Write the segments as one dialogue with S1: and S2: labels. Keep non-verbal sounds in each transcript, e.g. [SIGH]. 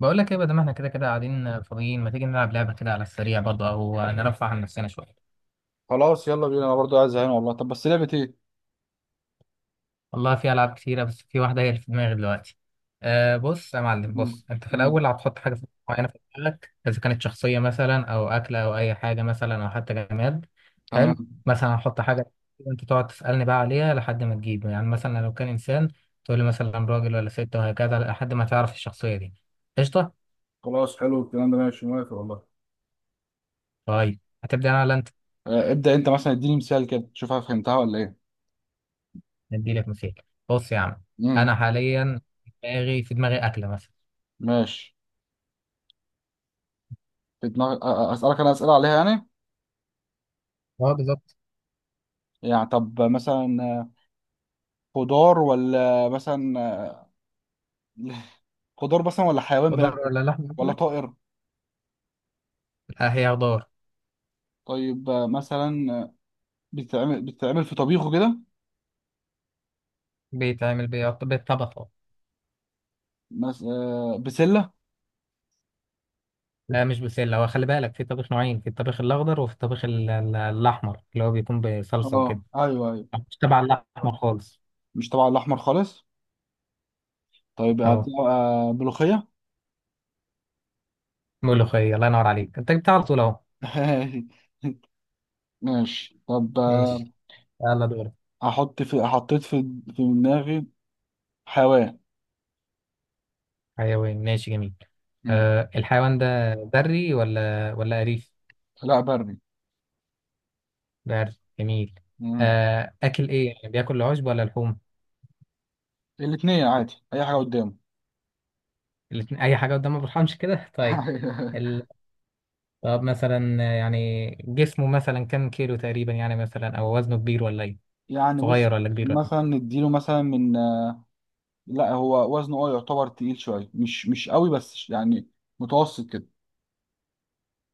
S1: بقول لك ايه، بدل ما احنا كده كده قاعدين فاضيين، ما تيجي نلعب لعبه كده على السريع برضه او نرفع عن نفسنا شويه.
S2: خلاص يلا بينا، انا برضو عايز زهقان والله. طب بس لعبة ايه؟
S1: والله في العاب كتيره، بس في واحده هي اللي في دماغي دلوقتي. أه، بص يا معلم،
S2: امم
S1: بص انت في
S2: امم
S1: الاول هتحط حاجه معينه في دماغك، اذا كانت شخصيه مثلا او اكله او اي حاجه مثلا او حتى جماد.
S2: تمام.
S1: حلو. مثلا هحط حاجه وانت تقعد تسالني بقى عليها لحد ما تجيب. يعني مثلا لو كان انسان، تقول لي مثلا راجل ولا ست، وهكذا لحد ما تعرف الشخصيه دي. قشطه.
S2: خلاص حلو الكلام ده ماشي موافق والله.
S1: طيب هتبدا انا ولا انت؟
S2: آه، ابدأ انت مثلا اديني مثال كده، شوف أنا فهمتها ولا ايه؟
S1: نديلك مثال. بص يا عم، انا
S2: امم
S1: حاليا دماغي، في دماغي اكله مثلا.
S2: ماشي. في دماغ اسالك انا اسئله عليها يعني؟
S1: اه بالظبط.
S2: يعني طب مثلا خضار ولا مثلا [LAUGHS] خضار مثلا ولا حيوان
S1: خضار
S2: بناكله؟
S1: ولا لحم
S2: ولا
S1: مثلا؟
S2: طائر؟
S1: لا، هي خضار.
S2: طيب مثلا بتتعمل في طبيخه كده.
S1: بالطبخ أهو.
S2: بسله؟
S1: لا مش بسله، هو خلي بالك في طبخ نوعين: في الطبخ الاخضر، وفي الطبخ الاحمر اللي هو بيكون بصلصه وكده.
S2: اه ايوه ايوه.
S1: مش تبع الاحمر خالص.
S2: مش طبعا الاحمر خالص. طيب
S1: اهو،
S2: بتبقى ملوخيه؟
S1: ملوخيه، الله ينور عليك، انت جبتها على طول اهو.
S2: [LAUGHS] ماشي طب.
S1: ماشي، يلا دورك.
S2: احط في حطيت في في دماغي حيوان.
S1: حيوان؟ ماشي، جميل.
S2: مم.
S1: أه، الحيوان ده بري ولا أليف؟
S2: لا بري.
S1: بري. جميل.
S2: مم.
S1: أه، أكل إيه؟ يعني بياكل العشب ولا لحوم؟
S2: الاتنين عادي، اي حاجه قدامه.
S1: الاتنين اي حاجه قدام، ما برحمش كده، طيب.
S2: [LAUGHS]
S1: ال... طب مثلا يعني جسمه مثلا كام كيلو تقريبا يعني، مثلا او وزنه كبير ولا ايه؟
S2: يعني
S1: صغير
S2: بص،
S1: ولا كبير ولا إيه؟
S2: مثلا نديله مثلا من. لا هو وزنه يعتبر تقيل شويه، مش قوي بس يعني متوسط كده.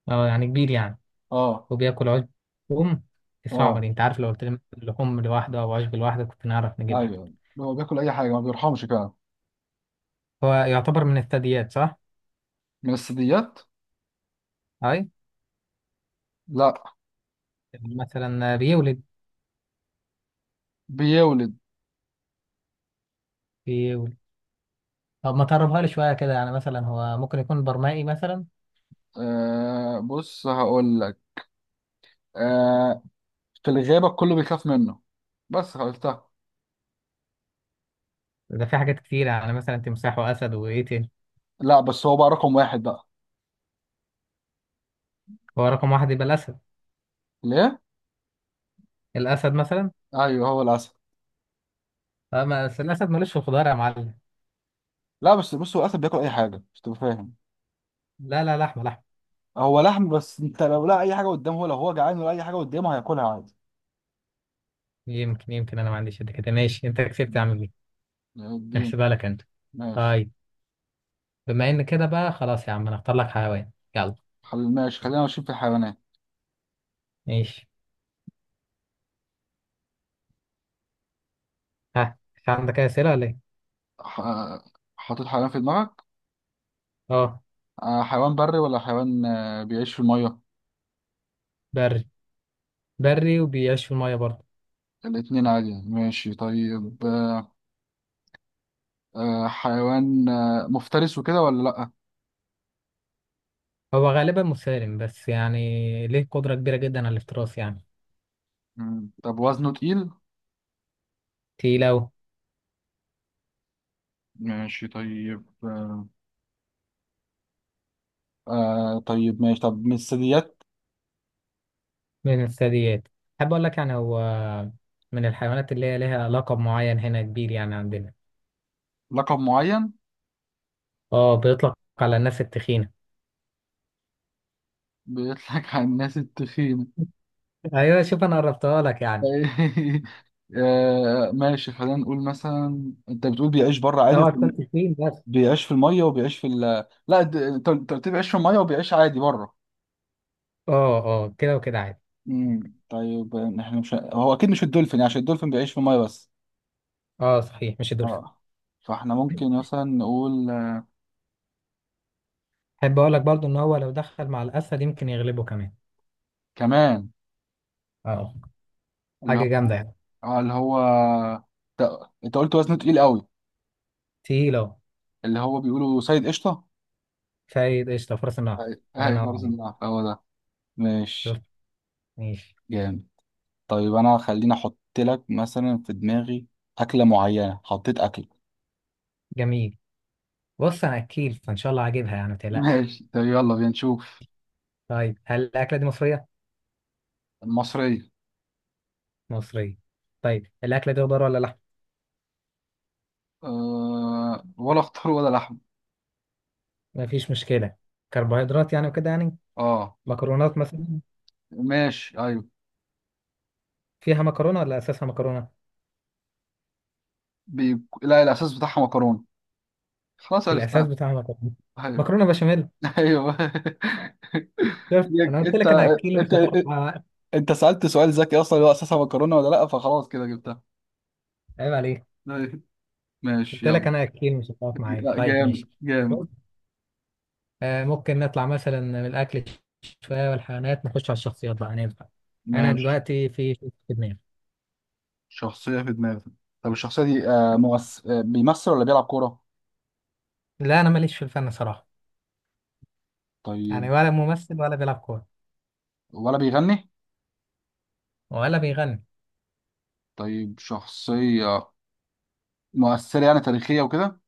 S1: اه يعني كبير يعني.
S2: اه
S1: وبياكل عشب؟ لحوم؟ صعبة
S2: اه
S1: دي، انت عارف لو قلت لي مثلاً لحوم لوحده او عشب لوحده، كنت نعرف نجيب
S2: ايوه.
S1: لك.
S2: هو بياكل اي حاجه، ما بيرحمش كده.
S1: هو يعتبر من الثدييات، صح؟
S2: من الثدييات.
S1: اي.
S2: لا.
S1: مثلا بيولد
S2: بيولد.
S1: بيولد طب ما تقربها لي شويه كده، يعني مثلا هو ممكن يكون برمائي مثلا؟
S2: آه بص هقول لك، آه، في الغابة كله بيخاف منه، بس قلتها.
S1: ده في حاجات كتيره يعني، مثلا تمساح واسد، وايه تاني؟
S2: لا بس هو بقى رقم واحد بقى.
S1: هو رقم واحد يبقى الاسد.
S2: ليه؟
S1: الاسد مثلا.
S2: ايوه هو الاسد.
S1: اه، ما بس الاسد ملوش في الخضار يا معلم.
S2: لا بس بص، هو الاسد بياكل اي حاجة، مش تبقى فاهم.
S1: لا لا، لحمه لحمه.
S2: هو لحم، بس انت لو لقى اي حاجة قدامه، لو هو جعان ولا اي حاجة قدامه هياكلها عادي.
S1: يمكن انا ما عنديش قد كده. ماشي، انت كسبت يا
S2: مم.
S1: عم بيه.
S2: يا الدين.
S1: احسبها لك انت.
S2: ماشي.
S1: طيب، بما ان كده بقى خلاص يا عم، انا اختار لك حيوان، يلا.
S2: ماشي خلينا ماشيين في الحيوانات.
S1: ماشي. ها، مش عندك اي اسئله ولا ايه؟
S2: ح... حاطط حيوان في دماغك.
S1: اه.
S2: حيوان بري ولا حيوان بيعيش في المية؟
S1: بري. بري وبيعيش في الميه برضه.
S2: الاتنين عادي. ماشي طيب. حيوان مفترس وكده ولا لأ؟
S1: هو غالبا مسالم، بس يعني ليه قدره كبيره جدا على الافتراس يعني.
S2: مم. طب وزنه تقيل؟
S1: تقيله.
S2: ماشي طيب. طيب ماشي. طب من الثدييات.
S1: من الثدييات. احب اقول لك يعني هو من الحيوانات اللي هي ليها لقب معين هنا كبير يعني عندنا.
S2: لقب معين؟
S1: اه، بيطلق على الناس التخينه.
S2: بيطلق على الناس التخينة.
S1: ايوه، شوف انا قربتها لك يعني.
S2: [LAUGHS] آه ماشي، خلينا نقول مثلا انت بتقول بيعيش بره عادي
S1: اوعى
S2: وفي...
S1: تكون تخين بس.
S2: بيعيش في المية وبيعيش في لا، انت قلت لي بيعيش في المية وبيعيش عادي بره.
S1: اه اه، كده وكده عادي.
S2: طيب احنا مش... هو اكيد مش الدولفين يعني، عشان الدولفين بيعيش في المية بس.
S1: اه صحيح، مش الدولفين.
S2: اه. فاحنا ممكن مثلا نقول.
S1: احب اقول لك برضو ان هو لو دخل مع الاسد يمكن يغلبه كمان.
S2: كمان.
S1: اه،
S2: اللي هو.
S1: حاجه جامده يعني.
S2: اللي هو، انت قلت وزنه تقيل قوي،
S1: تقيل اهو.
S2: اللي هو بيقولوا سيد قشطة.
S1: فايد قشطه، فرس النهر.
S2: أيوة.
S1: الله
S2: اهي
S1: ينور
S2: فرز
S1: عليك.
S2: النهر هو ده.
S1: شوف.
S2: ماشي
S1: ماشي.
S2: جامد. طيب انا خليني احط لك مثلا في دماغي اكلة معينة، حطيت اكل.
S1: جميل. بص انا اكيل، فان شاء الله هجيبها يعني، ما تقلقش.
S2: ماشي طيب يلا بينا نشوف.
S1: طيب، هل الاكله دي مصريه؟
S2: المصرية.
S1: مصريه. طيب الاكله دي خضار ولا لحم؟
S2: ولا خضار ولا لحم.
S1: مفيش مشكله. كربوهيدرات يعني وكده يعني؟
S2: اه
S1: مكرونات مثلا.
S2: ماشي ايوه.
S1: فيها مكرونه ولا اساسها مكرونه؟
S2: لا الاساس بتاعها مكرونة. خلاص
S1: الاساس
S2: عرفتها.
S1: بتاعها مكرونه.
S2: ايوه.
S1: مكرونه بشاميل.
S2: [LAUGHS] ايوه.
S1: شفت، انا
S2: يك-
S1: قلت
S2: انت
S1: لك انا اكيل
S2: انت
S1: مش هتاخد معايا وقت.
S2: انت سألت سؤال ذكي اصلا، اللي هو اساسها مكرونة ولا لا، فخلاص كده جبتها.
S1: عيب عليك.
S2: أيوة. ماشي
S1: قلت لك
S2: يلا.
S1: انا اكيل مش هتقف معايا،
S2: لا
S1: طيب
S2: جامد
S1: ماشي.
S2: جامد.
S1: بص، ممكن نطلع مثلا من الاكل شويه والحيوانات، نخش على الشخصيات بقى، ننفع؟ انا
S2: ماشي.
S1: دلوقتي في شخص في دماغي.
S2: شخصية في دماغك. طب الشخصية دي آه ممس... آه بيمثل ولا بيلعب كورة؟
S1: لا، انا ماليش في الفن صراحه.
S2: طيب.
S1: يعني ولا ممثل ولا بيلعب كوره
S2: ولا بيغني؟
S1: ولا بيغني.
S2: طيب شخصية مؤثرة يعني تاريخية وكده؟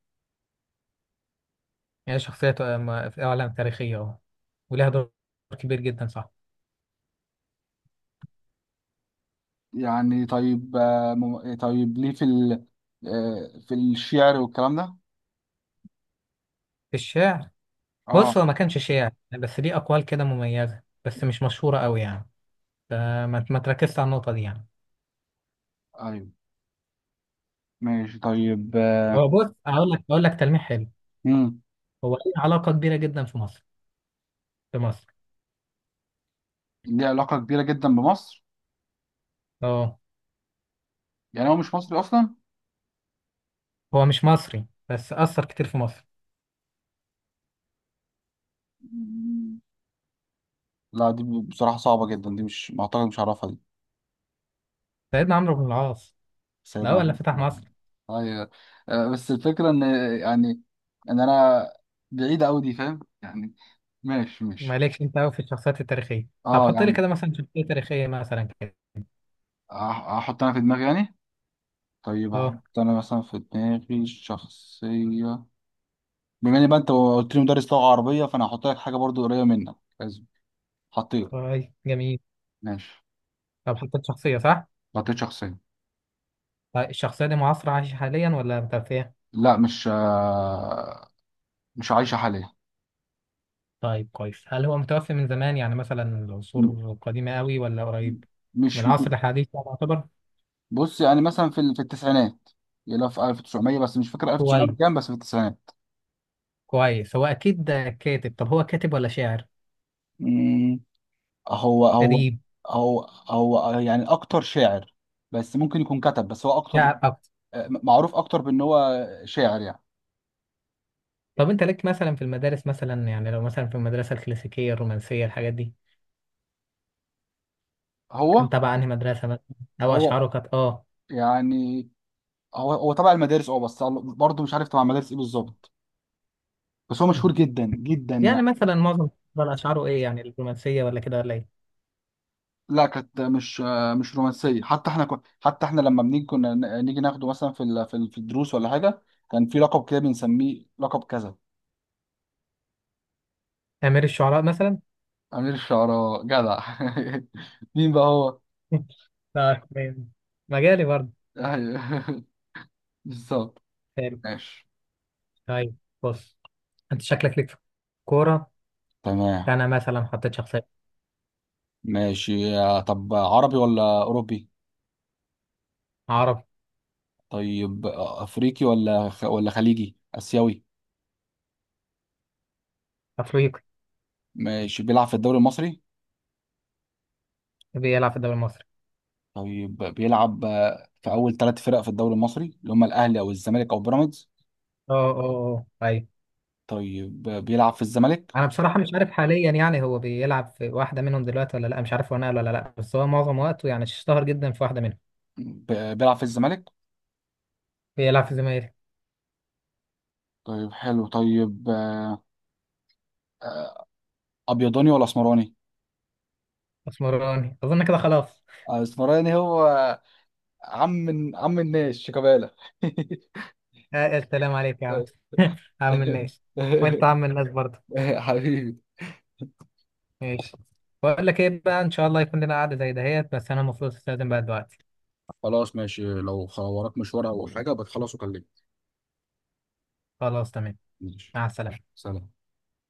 S1: هي شخصيه، في اعلام تاريخيه اهو، ولها دور كبير جدا، صح؟
S2: يعني طيب طيب ليه في ال... آه في الشعر والكلام ده؟
S1: في الشعر.
S2: اه
S1: بص، هو ما كانش شاعر، بس ليه اقوال كده مميزه، بس مش مشهوره قوي يعني. فما ما تركزش على النقطه دي يعني.
S2: ايوه. ماشي طيب.
S1: هو بص، اقول لك تلميح حلو.
S2: مم.
S1: هو ليه علاقه كبيره جدا في مصر.
S2: ليه علاقة كبيرة جدا بمصر؟
S1: اه،
S2: يعني هو مش مصري أصلا؟
S1: هو مش مصري، بس اثر كتير في مصر.
S2: مم. لا دي بصراحة صعبة جدا، دي مش... ما أعتقد مش هعرفها دي.
S1: سيدنا عمرو بن العاص. ده
S2: سيدنا
S1: اول اللي فتح
S2: عمر.
S1: مصر.
S2: ايوه. بس الفكره ان يعني ان انا بعيده قوي دي، فاهم يعني. ماشي ماشي.
S1: مالكش انت قوي في الشخصيات التاريخيه. طب
S2: اه
S1: حط لي
S2: يعني
S1: كده مثلا شخصيه تاريخيه مثلا كده.
S2: أح- احط انا في دماغي يعني. طيب احط
S1: اه.
S2: انا مثلا في دماغي شخصيه. بما ان بقى انت قلت لي مدرس لغه عربيه، فانا هحط لك حاجه برضو قريبه منك لازم. حطيت.
S1: طيب جميل.
S2: ماشي.
S1: طب حطيت شخصيه، صح؟
S2: حطيت شخصيه.
S1: طيب الشخصيه دي معاصره عايشه حاليا ولا متوفيه؟
S2: لا، مش عايشه حاليا.
S1: طيب كويس. هل هو متوفي من زمان، يعني مثلا العصور
S2: م-
S1: القديمه قوي، ولا قريب من
S2: مش.
S1: العصر الحديث يعني يعتبر؟
S2: بص يعني مثلا في في التسعينات، يلا في 1900 بس مش فاكر 1900
S1: كويس.
S2: كام، بس في التسعينات.
S1: كويس. هو اكيد كاتب. طب هو كاتب ولا شاعر؟
S2: مم. هو.
S1: أديب.
S2: هو هو يعني اكتر شاعر، بس ممكن يكون كتب بس هو اكتر
S1: شعر أكتر.
S2: معروف اكتر بان هو شاعر يعني.
S1: طب أنت لك مثلا في المدارس مثلا، يعني لو مثلا في المدرسة الكلاسيكية الرومانسية، الحاجات دي، كان
S2: هو
S1: تبع أنهي مدرسة مثلا؟ أو
S2: هو
S1: أشعاره كانت آه
S2: يعني هو تبع المدارس، اه بس برضه مش عارف تبع المدارس ايه بالظبط، بس هو مشهور
S1: [LAUGHS]
S2: جدا جدا
S1: يعني
S2: يعني.
S1: مثلا معظم الشعراء أشعاره إيه يعني، الرومانسية ولا كده ولا إيه؟
S2: لا كانت مش رومانسيه، حتى حتى احنا لما بنيجي كنا نيجي ناخده مثلا في في الدروس ولا حاجه، كان في لقب كده بنسميه لقب كذا.
S1: أمير الشعراء مثلا.
S2: امير الشعراء جدع. [LAUGHS] مين بقى هو؟
S1: [LAUGHS] لا تمام. مجالي برضه.
S2: ايوه، [LAUGHS] بالظبط.
S1: حلو.
S2: ماشي.
S1: طيب، بص، أنت شكلك ليك في كورة.
S2: تمام.
S1: أنا مثلا حطيت شخصية.
S2: ماشي. طب عربي ولا اوروبي؟
S1: عربي.
S2: طيب افريقي ولا ولا خليجي اسيوي؟
S1: أفريقي.
S2: ماشي، بيلعب في الدوري المصري.
S1: بيلعب في الدوري المصري.
S2: طيب بيلعب في اول 3 فرق في الدوري المصري اللي هم الاهلي او الزمالك او بيراميدز.
S1: آه آه آه أيوه.
S2: طيب بيلعب في الزمالك.
S1: انا بصراحه مش عارف حاليا، يعني هو بيلعب في واحده منهم دلوقتي ولا لا، مش عارف هو نقل ولا لا، بس هو معظم وقته يعني اشتهر جدا في واحده منهم.
S2: بيلعب في الزمالك.
S1: بيلعب في زمايلي.
S2: طيب حلو. طيب ابيضاني ولا اسمراني.
S1: اسمراني اظن، كده خلاص.
S2: اسمراني هو عم عم الناس شيكابالا. [LAUGHS]
S1: السلام عليك يا عم.
S2: طيب.
S1: [LAUGHS] عم الناس. وانت
S2: [LAUGHS]
S1: عم الناس برضه.
S2: حبيبي.
S1: ماشي. بقول لك ايه بقى، ان شاء الله يكون لنا قعده زي دهيت، بس انا المفروض استخدم بقى دلوقتي.
S2: خلاص ماشي، لو وراك مشوار او حاجه بتخلص وكلمني.
S1: خلاص تمام.
S2: ماشي.
S1: مع السلامه.
S2: سلام.